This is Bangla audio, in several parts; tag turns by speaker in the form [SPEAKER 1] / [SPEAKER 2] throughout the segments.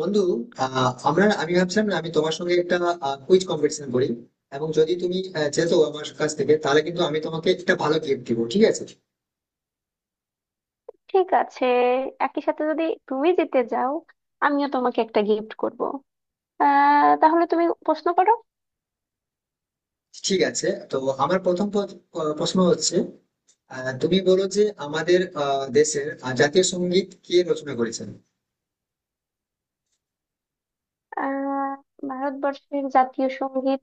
[SPEAKER 1] বন্ধু, আহ, আমরা আমি ভাবছিলাম না আমি তোমার সঙ্গে একটা কুইজ কম্পিটিশন করি। এবং যদি তুমি যেতো আমার কাছ থেকে তাহলে কিন্তু আমি তোমাকে একটা ভালো গিফট দিব, ঠিক আছে?
[SPEAKER 2] ঠিক আছে। একই সাথে যদি তুমি জিতে যাও, আমিও তোমাকে একটা গিফট করব। তাহলে তুমি প্রশ্ন করো।
[SPEAKER 1] ঠিক আছে, তো আমার প্রথম প্রশ্ন হচ্ছে, তুমি বলো যে আমাদের দেশের জাতীয় সঙ্গীত কে রচনা করেছেন।
[SPEAKER 2] আহ ভারতবর্ষের জাতীয় সঙ্গীত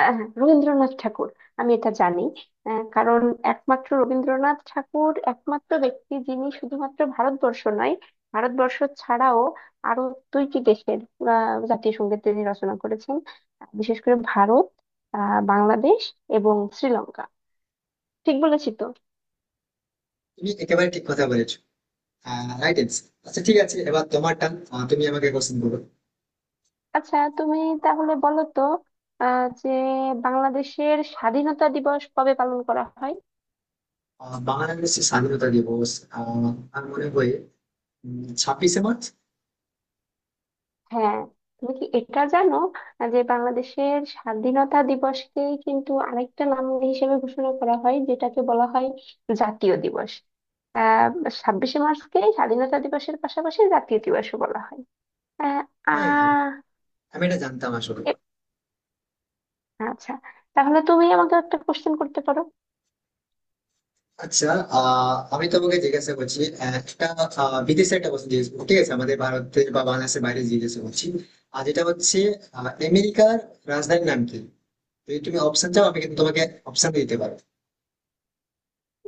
[SPEAKER 2] হ্যাঁ, রবীন্দ্রনাথ ঠাকুর। আমি এটা জানি। কারণ একমাত্র রবীন্দ্রনাথ ঠাকুর একমাত্র ব্যক্তি, যিনি শুধুমাত্র ভারতবর্ষ নয়, ভারতবর্ষ ছাড়াও আরো দুইটি দেশের জাতীয় সঙ্গীত তিনি রচনা করেছেন। বিশেষ করে ভারত, বাংলাদেশ এবং শ্রীলঙ্কা। ঠিক বলেছি তো?
[SPEAKER 1] তুমি একেবারে ঠিক কথা বলেছো। Right answer. আচ্ছা ঠিক আছে, এবার তোমার টান, তুমি আমাকে কোশ্চেন করো।
[SPEAKER 2] আচ্ছা, তাহলে বলো তো, যে বাংলাদেশের স্বাধীনতা দিবস কবে পালন করা হয়?
[SPEAKER 1] বাংলাদেশের স্বাধীনতা দিবস, আহ, আমার মনে হয় 26শে মার্চ।
[SPEAKER 2] হ্যাঁ, তুমি কি এটা জানো যে বাংলাদেশের স্বাধীনতা দিবসকে কিন্তু আরেকটা নাম হিসেবে ঘোষণা করা হয়, যেটাকে বলা হয় জাতীয় দিবস। আহ 26শে মার্চকে স্বাধীনতা দিবসের পাশাপাশি জাতীয় দিবসও বলা হয়। আহ
[SPEAKER 1] হ্যাঁ,
[SPEAKER 2] আহ,
[SPEAKER 1] আমি এটা জানতাম আসলে।
[SPEAKER 2] এ- আচ্ছা, তাহলে তুমি আমাকে একটা কোশ্চেন করতে পারো।
[SPEAKER 1] আচ্ছা, আমি তোমাকে জিজ্ঞাসা করছি একটা বিদেশের একটা প্রশ্ন জিজ্ঞেস করবো, ঠিক আছে, আমাদের ভারতের বা বাংলাদেশের বাইরে জিজ্ঞাসা করছি। আর যেটা হচ্ছে, আমেরিকার রাজধানীর নাম কি? যদি তুমি অপশন চাও, আমি কিন্তু তোমাকে অপশন দিতে পারো।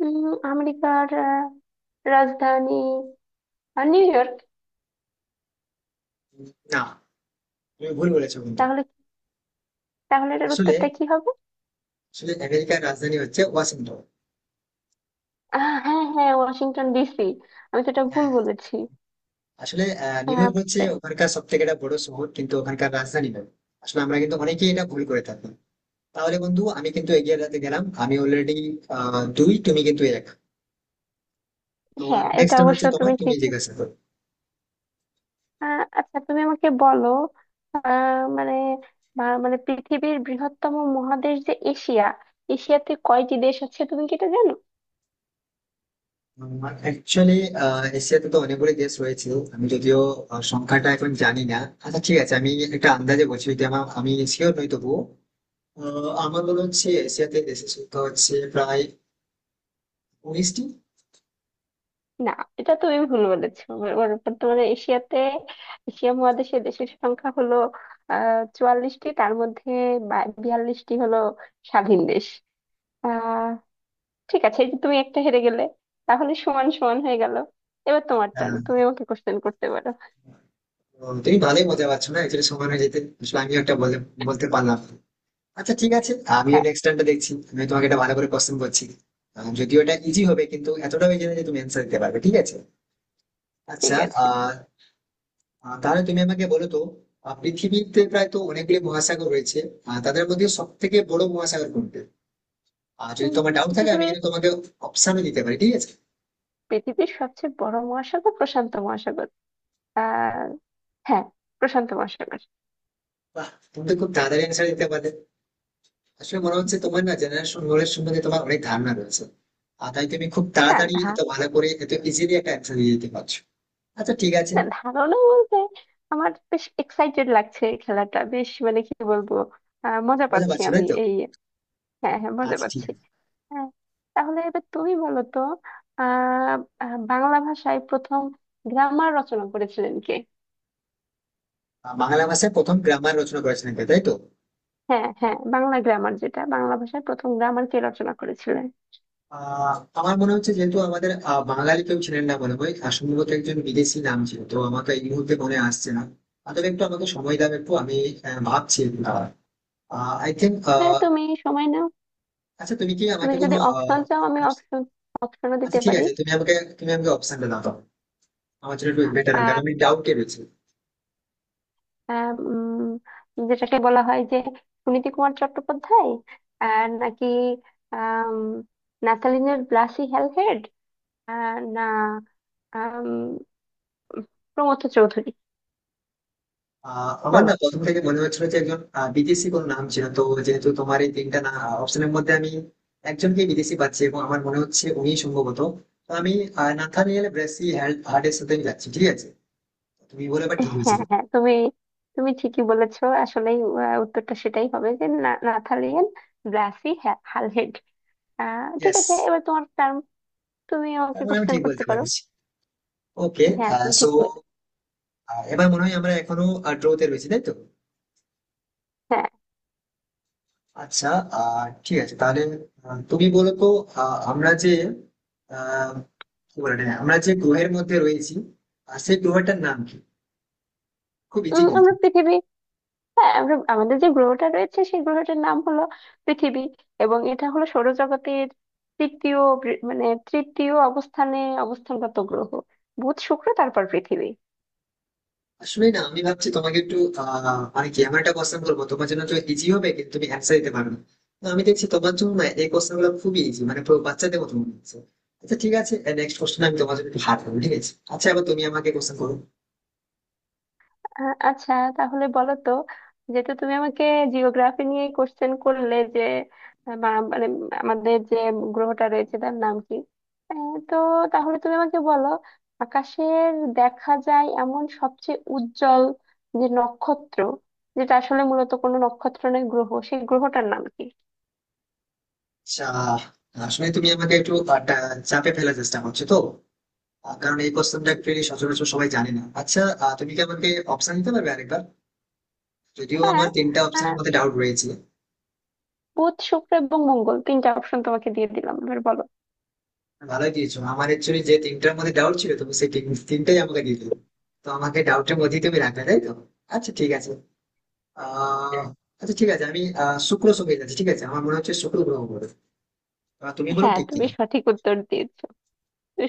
[SPEAKER 2] উম, আমেরিকার রাজধানী নিউ ইয়র্ক।
[SPEAKER 1] না, তুমি ভুল বলেছো কিন্তু।
[SPEAKER 2] তাহলে তাহলে এটার
[SPEAKER 1] আসলে
[SPEAKER 2] উত্তরটা কি হবে?
[SPEAKER 1] আসলে আমেরিকার রাজধানী হচ্ছে ওয়াশিংটন।
[SPEAKER 2] হ্যাঁ, হ্যাঁ, ওয়াশিংটন ডিসি। আমি তো এটা ভুল
[SPEAKER 1] হ্যাঁ,
[SPEAKER 2] বলেছি।
[SPEAKER 1] আসলে নিউ ইয়র্ক হচ্ছে
[SPEAKER 2] বুঝতে।
[SPEAKER 1] ওখানকার সব থেকে একটা বড় শহর, কিন্তু ওখানকার রাজধানী নয়। আসলে আমরা কিন্তু অনেকেই এটা ভুল করে থাকি। তাহলে বন্ধু, আমি কিন্তু এগিয়ে যেতে গেলাম, আমি অলরেডি 2, তুমি কিন্তু 1। তো
[SPEAKER 2] হ্যাঁ,
[SPEAKER 1] নেক্সট
[SPEAKER 2] এটা
[SPEAKER 1] টাইম
[SPEAKER 2] অবশ্য
[SPEAKER 1] হচ্ছে তোমার,
[SPEAKER 2] তুমি
[SPEAKER 1] তুমি
[SPEAKER 2] ঠিক।
[SPEAKER 1] জিজ্ঞাসা করো।
[SPEAKER 2] আচ্ছা, তুমি আমাকে বলো, আহ, মানে বা- মানে পৃথিবীর বৃহত্তম মহাদেশ যে এশিয়া, এশিয়াতে কয়টি দেশ আছে তুমি কি এটা জানো?
[SPEAKER 1] অ্যাকচুয়ালি এশিয়াতে তো অনেকগুলো দেশ রয়েছে। আমি যদিও সংখ্যাটা এখন জানি না। আচ্ছা ঠিক আছে, আমি একটা আন্দাজে বলছি, যদি আমার আমি শিওর নই তবুও। আমার মনে হচ্ছে এশিয়াতে দেশের সংখ্যা হচ্ছে প্রায় 19টি।
[SPEAKER 2] না, এটা তুমি ভুল বলেছো। বর্তমানে এশিয়া মহাদেশে দেশের সংখ্যা হলো 44টি। তার মধ্যে 42টি হলো স্বাধীন দেশ। আহ ঠিক আছে, এই যে তুমি একটা হেরে গেলে, তাহলে সমান সমান হয়ে গেল। এবার তোমার টার্ন, তুমি
[SPEAKER 1] হ্যাঁ,
[SPEAKER 2] আমাকে কোশ্চেন করতে পারো।
[SPEAKER 1] তো তুমি ভালোই মজা পাচ্ছ না, অ্যাকচুয়ালি সময় হয়ে যেতে আসলে আমিও একটা বলতে পারলাম না। আচ্ছা ঠিক আছে, আমিও
[SPEAKER 2] হ্যাঁ।
[SPEAKER 1] নেক্সট টাইমটা দেখছি, আমি তোমাকে একটা ভালো করে কোশ্চেন করছি। যদিও এটা ইজি হবে কিন্তু এতটাও ইজি না যে তুমি অ্যান্সার দিতে পারবে, ঠিক আছে?
[SPEAKER 2] ঠিক
[SPEAKER 1] আচ্ছা।
[SPEAKER 2] আছে।
[SPEAKER 1] আহ আহ, তাহলে তুমি আমাকে বলো তো, পৃথিবীতে প্রায় তো অনেকগুলি মহাসাগর রয়েছে, তাদের মধ্যে সব থেকে বড় মহাসাগর কোনটা? আর যদি তোমার
[SPEAKER 2] উম,
[SPEAKER 1] ডাউট থাকে আমি
[SPEAKER 2] পৃথিবীর
[SPEAKER 1] কিন্তু তোমাকে অপশনও দিতে পারি, ঠিক আছে।
[SPEAKER 2] পৃথিবীর সবচেয়ে বড় মহাসাগর প্রশান্ত মহাসাগর। আহ হ্যাঁ, প্রশান্ত মহাসাগর।
[SPEAKER 1] বাহ, তুমি তো খুব তাড়াতাড়ি অ্যান্সার দিতে পারলে। আসলে মনে হচ্ছে তোমার না জেনারেশন নলেজ সম্বন্ধে তোমার অনেক ধারণা রয়েছে, আর তাই তুমি খুব
[SPEAKER 2] না
[SPEAKER 1] তাড়াতাড়ি
[SPEAKER 2] ধা
[SPEAKER 1] এত ভালো করে এত ইজিলি একটা অ্যান্সার দিয়ে দিতে পারছো। আচ্ছা ঠিক আছে,
[SPEAKER 2] না, ধারণা বলতে আমার বেশ এক্সাইটেড লাগছে। এই খেলাটা বেশ, মানে কি বলবো, মজা
[SPEAKER 1] বোঝা
[SPEAKER 2] পাচ্ছি
[SPEAKER 1] পারছো তাই
[SPEAKER 2] আমি
[SPEAKER 1] তো?
[SPEAKER 2] এই। হ্যাঁ, হ্যাঁ, মজা
[SPEAKER 1] আচ্ছা ঠিক
[SPEAKER 2] পাচ্ছি।
[SPEAKER 1] আছে।
[SPEAKER 2] হ্যাঁ, তাহলে এবার তুমি বলো তো, আহ আহ, বাংলা ভাষায় প্রথম গ্রামার রচনা করেছিলেন কে?
[SPEAKER 1] বাংলা ভাষায় প্রথম গ্রামার রচনা করেছিলেন কে, তাই তো?
[SPEAKER 2] হ্যাঁ, হ্যাঁ, বাংলা গ্রামার, যেটা বাংলা ভাষার প্রথম গ্রামার কে রচনা করেছিলেন?
[SPEAKER 1] আহ আমার মনে হচ্ছে যেহেতু আমাদের বাঙালি কেউ ছিলেন না মনে হয়, আর সম্ভবত একজন বিদেশি নাম ছিল, তো আমাকে এই মুহূর্তে মনে আসছে না। আর তবে একটু আমাকে সময় দাও, একটু আমি ভাবছি। I think.
[SPEAKER 2] হ্যাঁ, তুমি সময় নাও।
[SPEAKER 1] আচ্ছা, তুমি কি
[SPEAKER 2] তুমি
[SPEAKER 1] আমাকে কোনো
[SPEAKER 2] যদি অপশন চাও, আমি অপশনও
[SPEAKER 1] আচ্ছা
[SPEAKER 2] দিতে
[SPEAKER 1] ঠিক
[SPEAKER 2] পারি।
[SPEAKER 1] আছে, তুমি আমাকে অপশনটা দাও তো। আমার জন্য একটু বেটার হবে,
[SPEAKER 2] আহ,
[SPEAKER 1] কারণ আমি ডাউটে রয়েছি।
[SPEAKER 2] আহ, উম, যেটাকে বলা হয় যে সুনীতি কুমার চট্টোপাধ্যায়, আর নাকি আম, নাথালিনের ব্লাসি হ্যালহেড, আহ, না আম, প্রমথ চৌধুরী।
[SPEAKER 1] আমার
[SPEAKER 2] বলো।
[SPEAKER 1] না প্রথম থেকে মনে হচ্ছিল যে একজন বিদেশি কোন নাম ছিল, তো যেহেতু তোমার এই 3টা না অপশনের মধ্যে আমি একজনকে বিদেশি পাচ্ছি এবং আমার মনে হচ্ছে উনি সম্ভবত, তো আমি নাথানিয়েল ব্রেসি হার্ডের সাথে আমি যাচ্ছি, ঠিক আছে। তুমি বলে এবার ঠিক
[SPEAKER 2] হ্যাঁ,
[SPEAKER 1] হয়েছিল।
[SPEAKER 2] হ্যাঁ, তুমি তুমি ঠিকই বলেছো আসলেই। উত্তরটা সেটাই হবে, যে নাথালিন ব্লাসি হ্যালহেড। ঠিক
[SPEAKER 1] ইয়েস।
[SPEAKER 2] আছে, এবার তোমার টার্ম, তুমি আমাকে
[SPEAKER 1] তার মানে আমি
[SPEAKER 2] কোশ্চেন
[SPEAKER 1] ঠিক
[SPEAKER 2] করতে
[SPEAKER 1] বলতে
[SPEAKER 2] পারো।
[SPEAKER 1] পারছি। ওকে।
[SPEAKER 2] হ্যাঁ, তুমি
[SPEAKER 1] সো
[SPEAKER 2] ঠিক বলে।
[SPEAKER 1] এবার মনে হয় আমরা এখনো ড্রোতে রয়েছি, তাই তো?
[SPEAKER 2] হ্যাঁ।
[SPEAKER 1] আচ্ছা। ঠিক আছে তাহলে, তুমি বলো তো, আহ, আমরা যে আহ কি বলে এটা, আমরা যে গ্রহের মধ্যে রয়েছি আর সেই গ্রহটার নাম কি? খুব ইজি কিন্তু।
[SPEAKER 2] আমরা পৃথিবী। হ্যাঁ, আমরা আমাদের যে গ্রহটা রয়েছে সেই গ্রহটার নাম হলো পৃথিবী, এবং এটা হলো সৌরজগতের তৃতীয়, বৃ- মানে তৃতীয় অবস্থানে অবস্থানগত গ্রহ। বুধ, শুক্র, তারপর পৃথিবী।
[SPEAKER 1] আসলে না আমি ভাবছি তোমাকে একটু আহ মানে কি আমার একটা কোশ্চেন বলবো তোমার জন্য তো ইজি হবে কিন্তু তুমি অ্যান্সার দিতে পারবে না। তো আমি দেখছি তোমার জন্য না এই কোশ্চেন গুলো খুবই ইজি, মানে পুরো বাচ্চাদের মতো মনে হচ্ছে। আচ্ছা ঠিক আছে, নেক্সট কোশ্চেন আমি তোমার জন্য একটু হার্ড করবো, ঠিক আছে। আচ্ছা এবার তুমি আমাকে কোশ্চেন করো।
[SPEAKER 2] আ- আচ্ছা, তাহলে বলো তো, যেহেতু তুমি আমাকে জিওগ্রাফি নিয়ে কোশ্চেন করলে যে আহ, বা- মানে আমাদের যে গ্রহটা রয়েছে তার নাম কি, আহ, তো তাহলে তুমি আমাকে বলো, আকাশের দেখা যায় এমন সবচেয়ে উজ্জ্বল যে নক্ষত্র, যেটা আসলে মূলত কোনো নক্ষত্র নয়, গ্রহ, সেই গ্রহটার নাম কি?
[SPEAKER 1] আচ্ছা, আসলে তুমি আমাকে একটু চাপে ফেলার চেষ্টা করছো তো। কারণ এই কোশ্চেনটা একচুয়ালি সচরাচর সবাই জানে না। আচ্ছা, তুমি কি আমাকে অপশন দিতে পারবে আরেকবার? যদিও
[SPEAKER 2] হ্যাঁ,
[SPEAKER 1] আমার 3টা অপশনের
[SPEAKER 2] আহ,
[SPEAKER 1] মধ্যে ডাউট রয়েছে।
[SPEAKER 2] বুধ, শুক্র এবং মঙ্গল, তিনটা অপশন তোমাকে দিয়ে দিলাম, এবার বলো।
[SPEAKER 1] ভালোই দিয়েছো, আমার অ্যাকচুয়ালি যে 3টার মধ্যে ডাউট ছিল তুমি সেই তিনটাই আমাকে দিয়ে দিলে। তো আমাকে ডাউটের মধ্যেই তুমি রাখলে, তাই তো? আচ্ছা ঠিক আছে। আহ আচ্ছা ঠিক আছে, আমি শুক্র সঙ্গে যাচ্ছি, ঠিক আছে। আমার মনে হচ্ছে শুক্র গ্রহ বলে, তুমি বলো
[SPEAKER 2] হ্যাঁ,
[SPEAKER 1] ঠিক
[SPEAKER 2] তুমি
[SPEAKER 1] কিনা।
[SPEAKER 2] সঠিক উত্তর দিয়েছো।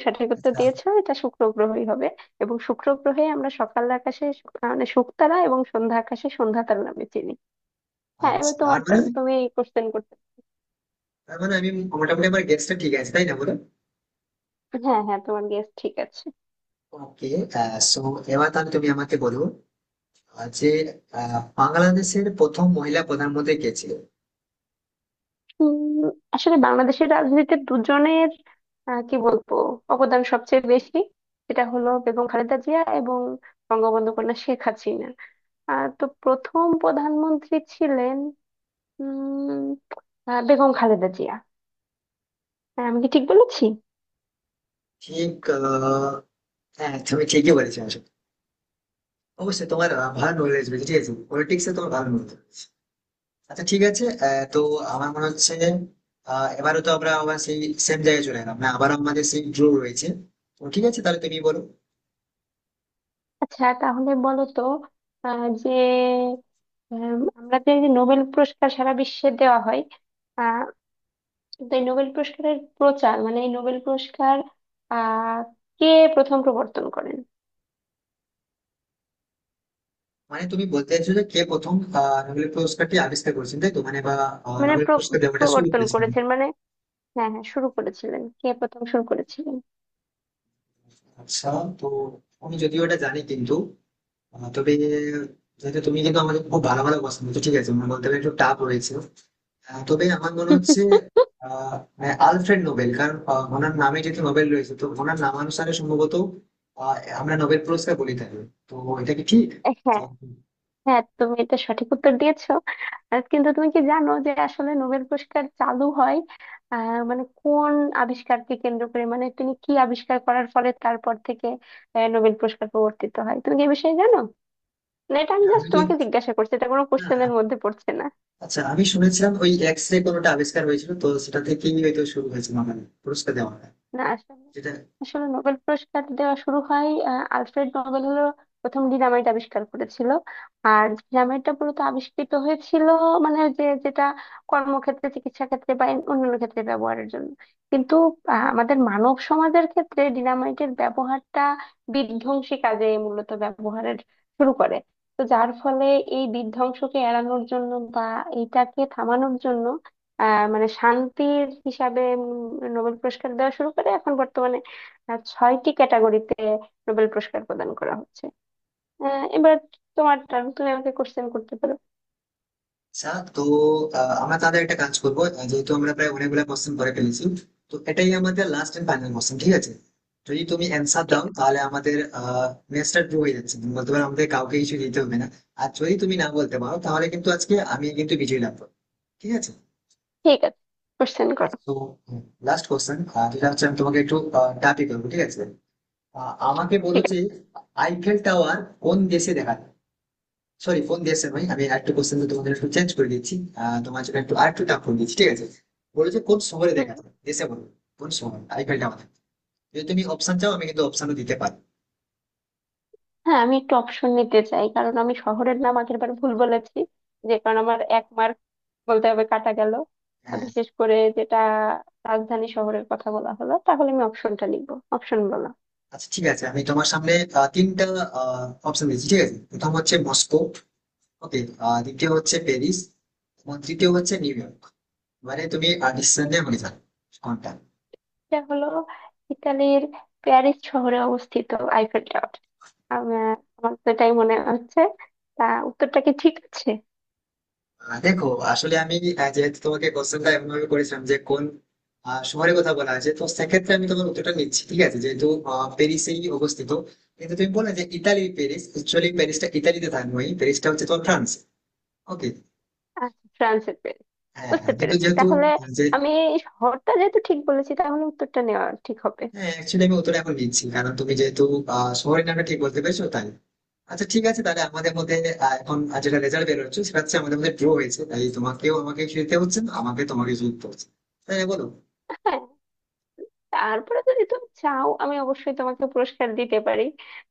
[SPEAKER 2] সঠিক উত্তর
[SPEAKER 1] আচ্ছা।
[SPEAKER 2] দিয়েছো, এটা শুক্র গ্রহই হবে। এবং শুক্র গ্রহে আমরা সকাল আকাশে শু- মানে শুকতারা এবং সন্ধ্যা আকাশে সন্ধ্যা তারা নামে চিনি। হ্যাঁ,
[SPEAKER 1] আচ্ছা
[SPEAKER 2] এবার
[SPEAKER 1] তার
[SPEAKER 2] তোমার
[SPEAKER 1] মানে
[SPEAKER 2] টার্ন, তুমি কোশ্চেন করতে।
[SPEAKER 1] তার মানে আমি মোটামুটি আমার গেস্টটা ঠিক আছে তাই না, বলো?
[SPEAKER 2] হ্যাঁ, হ্যাঁ, তোমার গেস ঠিক আছে।
[SPEAKER 1] ওকে। সো এবার তাহলে তুমি আমাকে বলো, আহ, যে বাংলাদেশের প্রথম মহিলা প্রধানমন্ত্রী কে ছিল?
[SPEAKER 2] উম, আসলে বাংলাদেশের রাজনীতিতে দুজনের আহ, কি বলবো অবদান সবচেয়ে বেশি। সেটা হলো বেগম খালেদা জিয়া এবং বঙ্গবন্ধু কন্যা শেখ হাসিনা। তো প্রথম প্রধানমন্ত্রী ছিলেন উম বেগম খালেদা জিয়া। হ্যাঁ, আমি কি ঠিক বলেছি?
[SPEAKER 1] ঠিক, আহ, হ্যাঁ তুমি ঠিকই বলেছো আসলে। অবশ্যই তোমার ভালো নলেজ রয়েছে, ঠিক আছে, পলিটিক্সে তোমার ভালো নলেজ। আচ্ছা ঠিক আছে, তো আমার মনে হচ্ছে এবারও তো আমরা আবার সেই সেম জায়গায় চলে এলাম না, আবারও আমাদের সেই ড্র রয়েছে। তো ঠিক আছে, তাহলে তুমি বলো।
[SPEAKER 2] আচ্ছা, তাহলে বলো তো, আহ, যে আমরা যে এই নোবেল পুরস্কার সারা বিশ্বে দেওয়া হয়, আহ, তো এই নোবেল পুরস্কারের প্রচার, মানে এই নোবেল পুরস্কার আহ কে প্রথম প্রবর্তন করেন?
[SPEAKER 1] মানে তুমি বলতে চাইছো যে কে প্রথম নোবেল পুরস্কারটি আবিষ্কার করেছেন, তাই তো, মানে বা
[SPEAKER 2] মানে
[SPEAKER 1] নোবেল পুরস্কার দেওয়াটা শুরু
[SPEAKER 2] প্রবর্তন
[SPEAKER 1] করেছেন?
[SPEAKER 2] করেছেন মানে, হ্যাঁ, হ্যাঁ, শুরু করেছিলেন, কে প্রথম শুরু করেছিলেন।
[SPEAKER 1] আচ্ছা, তো আমি যদিও এটা জানি, কিন্তু তবে যেহেতু তুমি কিন্তু আমাদের খুব ভালো ভালো কোশ্চেন, ঠিক আছে, মানে বলতে পারি একটু টাফ রয়েছে। তবে আমার মনে হচ্ছে আহ আহ, আলফ্রেড নোবেল, কারণ ওনার নামে যেহেতু নোবেল রয়েছে তো ওনার নামানুসারে সম্ভবত আহ, আমরা নোবেল পুরস্কার বলি থাকি। তো এটা কি ঠিক?
[SPEAKER 2] হ্যাঁ,
[SPEAKER 1] আহ,
[SPEAKER 2] হ্যাঁ, তুমি এটা সঠিক উত্তর দিয়েছো। আর কিন্তু তুমি কি জানো যে আসলে নোবেল পুরস্কার চালু হয় মানে কোন আবিষ্কারকে কেন্দ্র করে, মানে তিনি কি আবিষ্কার করার ফলে তারপর থেকে নোবেল পুরস্কার প্রবর্তিত হয়, তুমি কি এই বিষয়ে জানো? না, এটা আমি
[SPEAKER 1] আমি
[SPEAKER 2] জাস্ট
[SPEAKER 1] যে
[SPEAKER 2] তোমাকে জিজ্ঞাসা করছি, এটা কোনো কোশ্চেনের
[SPEAKER 1] না,
[SPEAKER 2] মধ্যে পড়ছে না।
[SPEAKER 1] আচ্ছা আমি শুনেছিলাম ওই এক্স রে কোনোটা আবিষ্কার হয়েছিল তো সেটা থেকেই হয়তো শুরু হয়েছে, মানে পুরস্কার দেওয়াটা,
[SPEAKER 2] না, আসলে,
[SPEAKER 1] যেটা।
[SPEAKER 2] আসলে নোবেল পুরস্কার দেওয়া শুরু হয়, আলফ্রেড নোবেল হলো প্রথম ডিনামাইট আবিষ্কার করেছিল। আর ডিনামাইটটা মূলত আবিষ্কৃত হয়েছিল মানে যেটা কর্মক্ষেত্রে, চিকিৎসা ক্ষেত্রে বা অন্যান্য ক্ষেত্রে ব্যবহারের জন্য, কিন্তু আমাদের মানব সমাজের ক্ষেত্রে ডিনামাইটের ব্যবহারটা বিধ্বংসী কাজে মূলত ব্যবহারের শুরু করে। তো যার ফলে এই বিধ্বংসকে এড়ানোর জন্য বা এইটাকে থামানোর জন্য মানে শান্তির হিসাবে নোবেল পুরস্কার দেওয়া শুরু করে। এখন বর্তমানে ছয়টি ক্যাটাগরিতে নোবেল পুরস্কার প্রদান করা হচ্ছে। এবার তোমার টার্ন, তুমি আমাকে কোশ্চেন করতে পারো।
[SPEAKER 1] আচ্ছা, তো আমরা তাহলে একটা কাজ করবো, যেহেতু আমরা প্রায় অনেকগুলো কোশ্চেন করে ফেলেছি, তো এটাই আমাদের লাস্ট এন্ড ফাইনাল কোশ্চেন, ঠিক আছে। যদি তুমি অ্যান্সার
[SPEAKER 2] ঠিক
[SPEAKER 1] দাও
[SPEAKER 2] আছে।
[SPEAKER 1] তাহলে আমাদের ম্যাচটা ড্র হয়ে যাচ্ছে, তুমি বলতে পারো আমাদের কাউকে কিছু দিতে হবে না। আর যদি তুমি না বলতে পারো তাহলে কিন্তু আজকে আমি কিন্তু বিজয়ী লাভ করবো, ঠিক আছে।
[SPEAKER 2] ঠিক আছে, কোশ্চেন করো।
[SPEAKER 1] তো লাস্ট কোশ্চেন, যেটা হচ্ছে আমি তোমাকে একটু টাপি করবো, ঠিক আছে। আমাকে বলো
[SPEAKER 2] ঠিক আছে।
[SPEAKER 1] যে, আইফেল টাওয়ার কোন দেশে দেখা যায়? সরি ফোন দিয়েছেন ভাই, আমি একটা কোশ্চেন তোমাদের একটু চেঞ্জ করে দিচ্ছি। তোমার জন্য একটু আর একটু টাফ করে দিচ্ছি, ঠিক আছে। বলেছে কোন শহরে
[SPEAKER 2] হুম।
[SPEAKER 1] দেখা যাবে, দেশে বলো। কোন শহর আইপিএলটা আমাদের। যদি তুমি অপশন চাও আমি কিন্তু অপশনও দিতে পারি।
[SPEAKER 2] হ্যাঁ, আমি একটু অপশন নিতে চাই, কারণ আমি শহরের নাম আগের বার ভুল বলেছি, যে কারণ আমার এক মার্ক, বলতে হবে, কাটা গেল। আর
[SPEAKER 1] হ্যাঁ,
[SPEAKER 2] বিশেষ করে যেটা রাজধানী শহরের কথা বলা হলো, তাহলে আমি অপশনটা লিখবো, অপশন বলো।
[SPEAKER 1] আচ্ছা ঠিক আছে, আমি তোমার সামনে 3টা অপশন দিচ্ছি, ঠিক আছে। প্রথম হচ্ছে মস্কো। ওকে। দ্বিতীয় হচ্ছে প্যারিস এবং তৃতীয় হচ্ছে নিউ ইয়র্ক। মানে তুমি ডিসিশন নিয়ে আমাকে জানো কোনটা।
[SPEAKER 2] এটা হলো ইতালির প্যারিস শহরে অবস্থিত আইফেল টাওয়ার। আমার আমার তো এটাই মনে হচ্ছে। তা উত্তরটা কি ঠিক আছে?
[SPEAKER 1] দেখো, আসলে আমি যেহেতু তোমাকে কোশ্চেনটা এমন ভাবে করেছিলাম যে কোন শহরের কথা বলা আছে, তো সেক্ষেত্রে আমি তোমার উত্তরটা নিচ্ছি, ঠিক আছে, যেহেতু প্যারিসেই অবস্থিত। কিন্তু তুমি বললে যে ইতালির প্যারিস, অ্যাকচুয়ালি প্যারিসটা ইতালিতে থাকবে, প্যারিসটা হচ্ছে তোমার ফ্রান্স। ওকে।
[SPEAKER 2] আচ্ছা, ফ্রান্সের প্যারিস।
[SPEAKER 1] হ্যাঁ হ্যাঁ,
[SPEAKER 2] বুঝতে
[SPEAKER 1] কিন্তু
[SPEAKER 2] পেরেছি
[SPEAKER 1] যেহেতু
[SPEAKER 2] তাহলে।
[SPEAKER 1] আহ, যে
[SPEAKER 2] আমি এই শহরটা যেহেতু ঠিক বলেছি, তাহলে উত্তরটা নেওয়া ঠিক হবে।
[SPEAKER 1] হ্যাঁ অ্যাকচুয়ালি আমি উত্তরটা এখন নিচ্ছি কারণ তুমি যেহেতু শহরের নামটা ঠিক বলতে পেরেছো, তাই। আচ্ছা ঠিক আছে, তাহলে আমাদের মধ্যে যেটা রেজাল্ট বেরোচ্ছে সেটা হচ্ছে আমাদের মধ্যে ড্র হয়েছে, তাই তোমাকেও আমাকে জিততে হচ্ছে না, আমাকে তোমাকে জিততে হচ্ছে। তাই না, বলো?
[SPEAKER 2] হ্যাঁ, তারপরে যদি তুমি চাও, আমি অবশ্যই তোমাকে পুরস্কার দিতে পারি।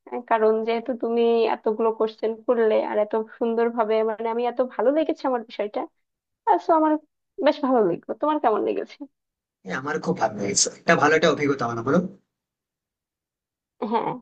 [SPEAKER 2] কারণ যেহেতু তুমি এতগুলো কোশ্চেন করলে আর এত সুন্দরভাবে, মানে আমি এত ভালো লেগেছে আমার বিষয়টা। সো আমার বেশ ভালো লাগলো। তোমার কেমন লেগেছে?
[SPEAKER 1] হ্যাঁ, আমার খুব ভালো লেগেছে, একটা ভালো একটা অভিজ্ঞতা হলো, বলো।
[SPEAKER 2] হ্যাঁ।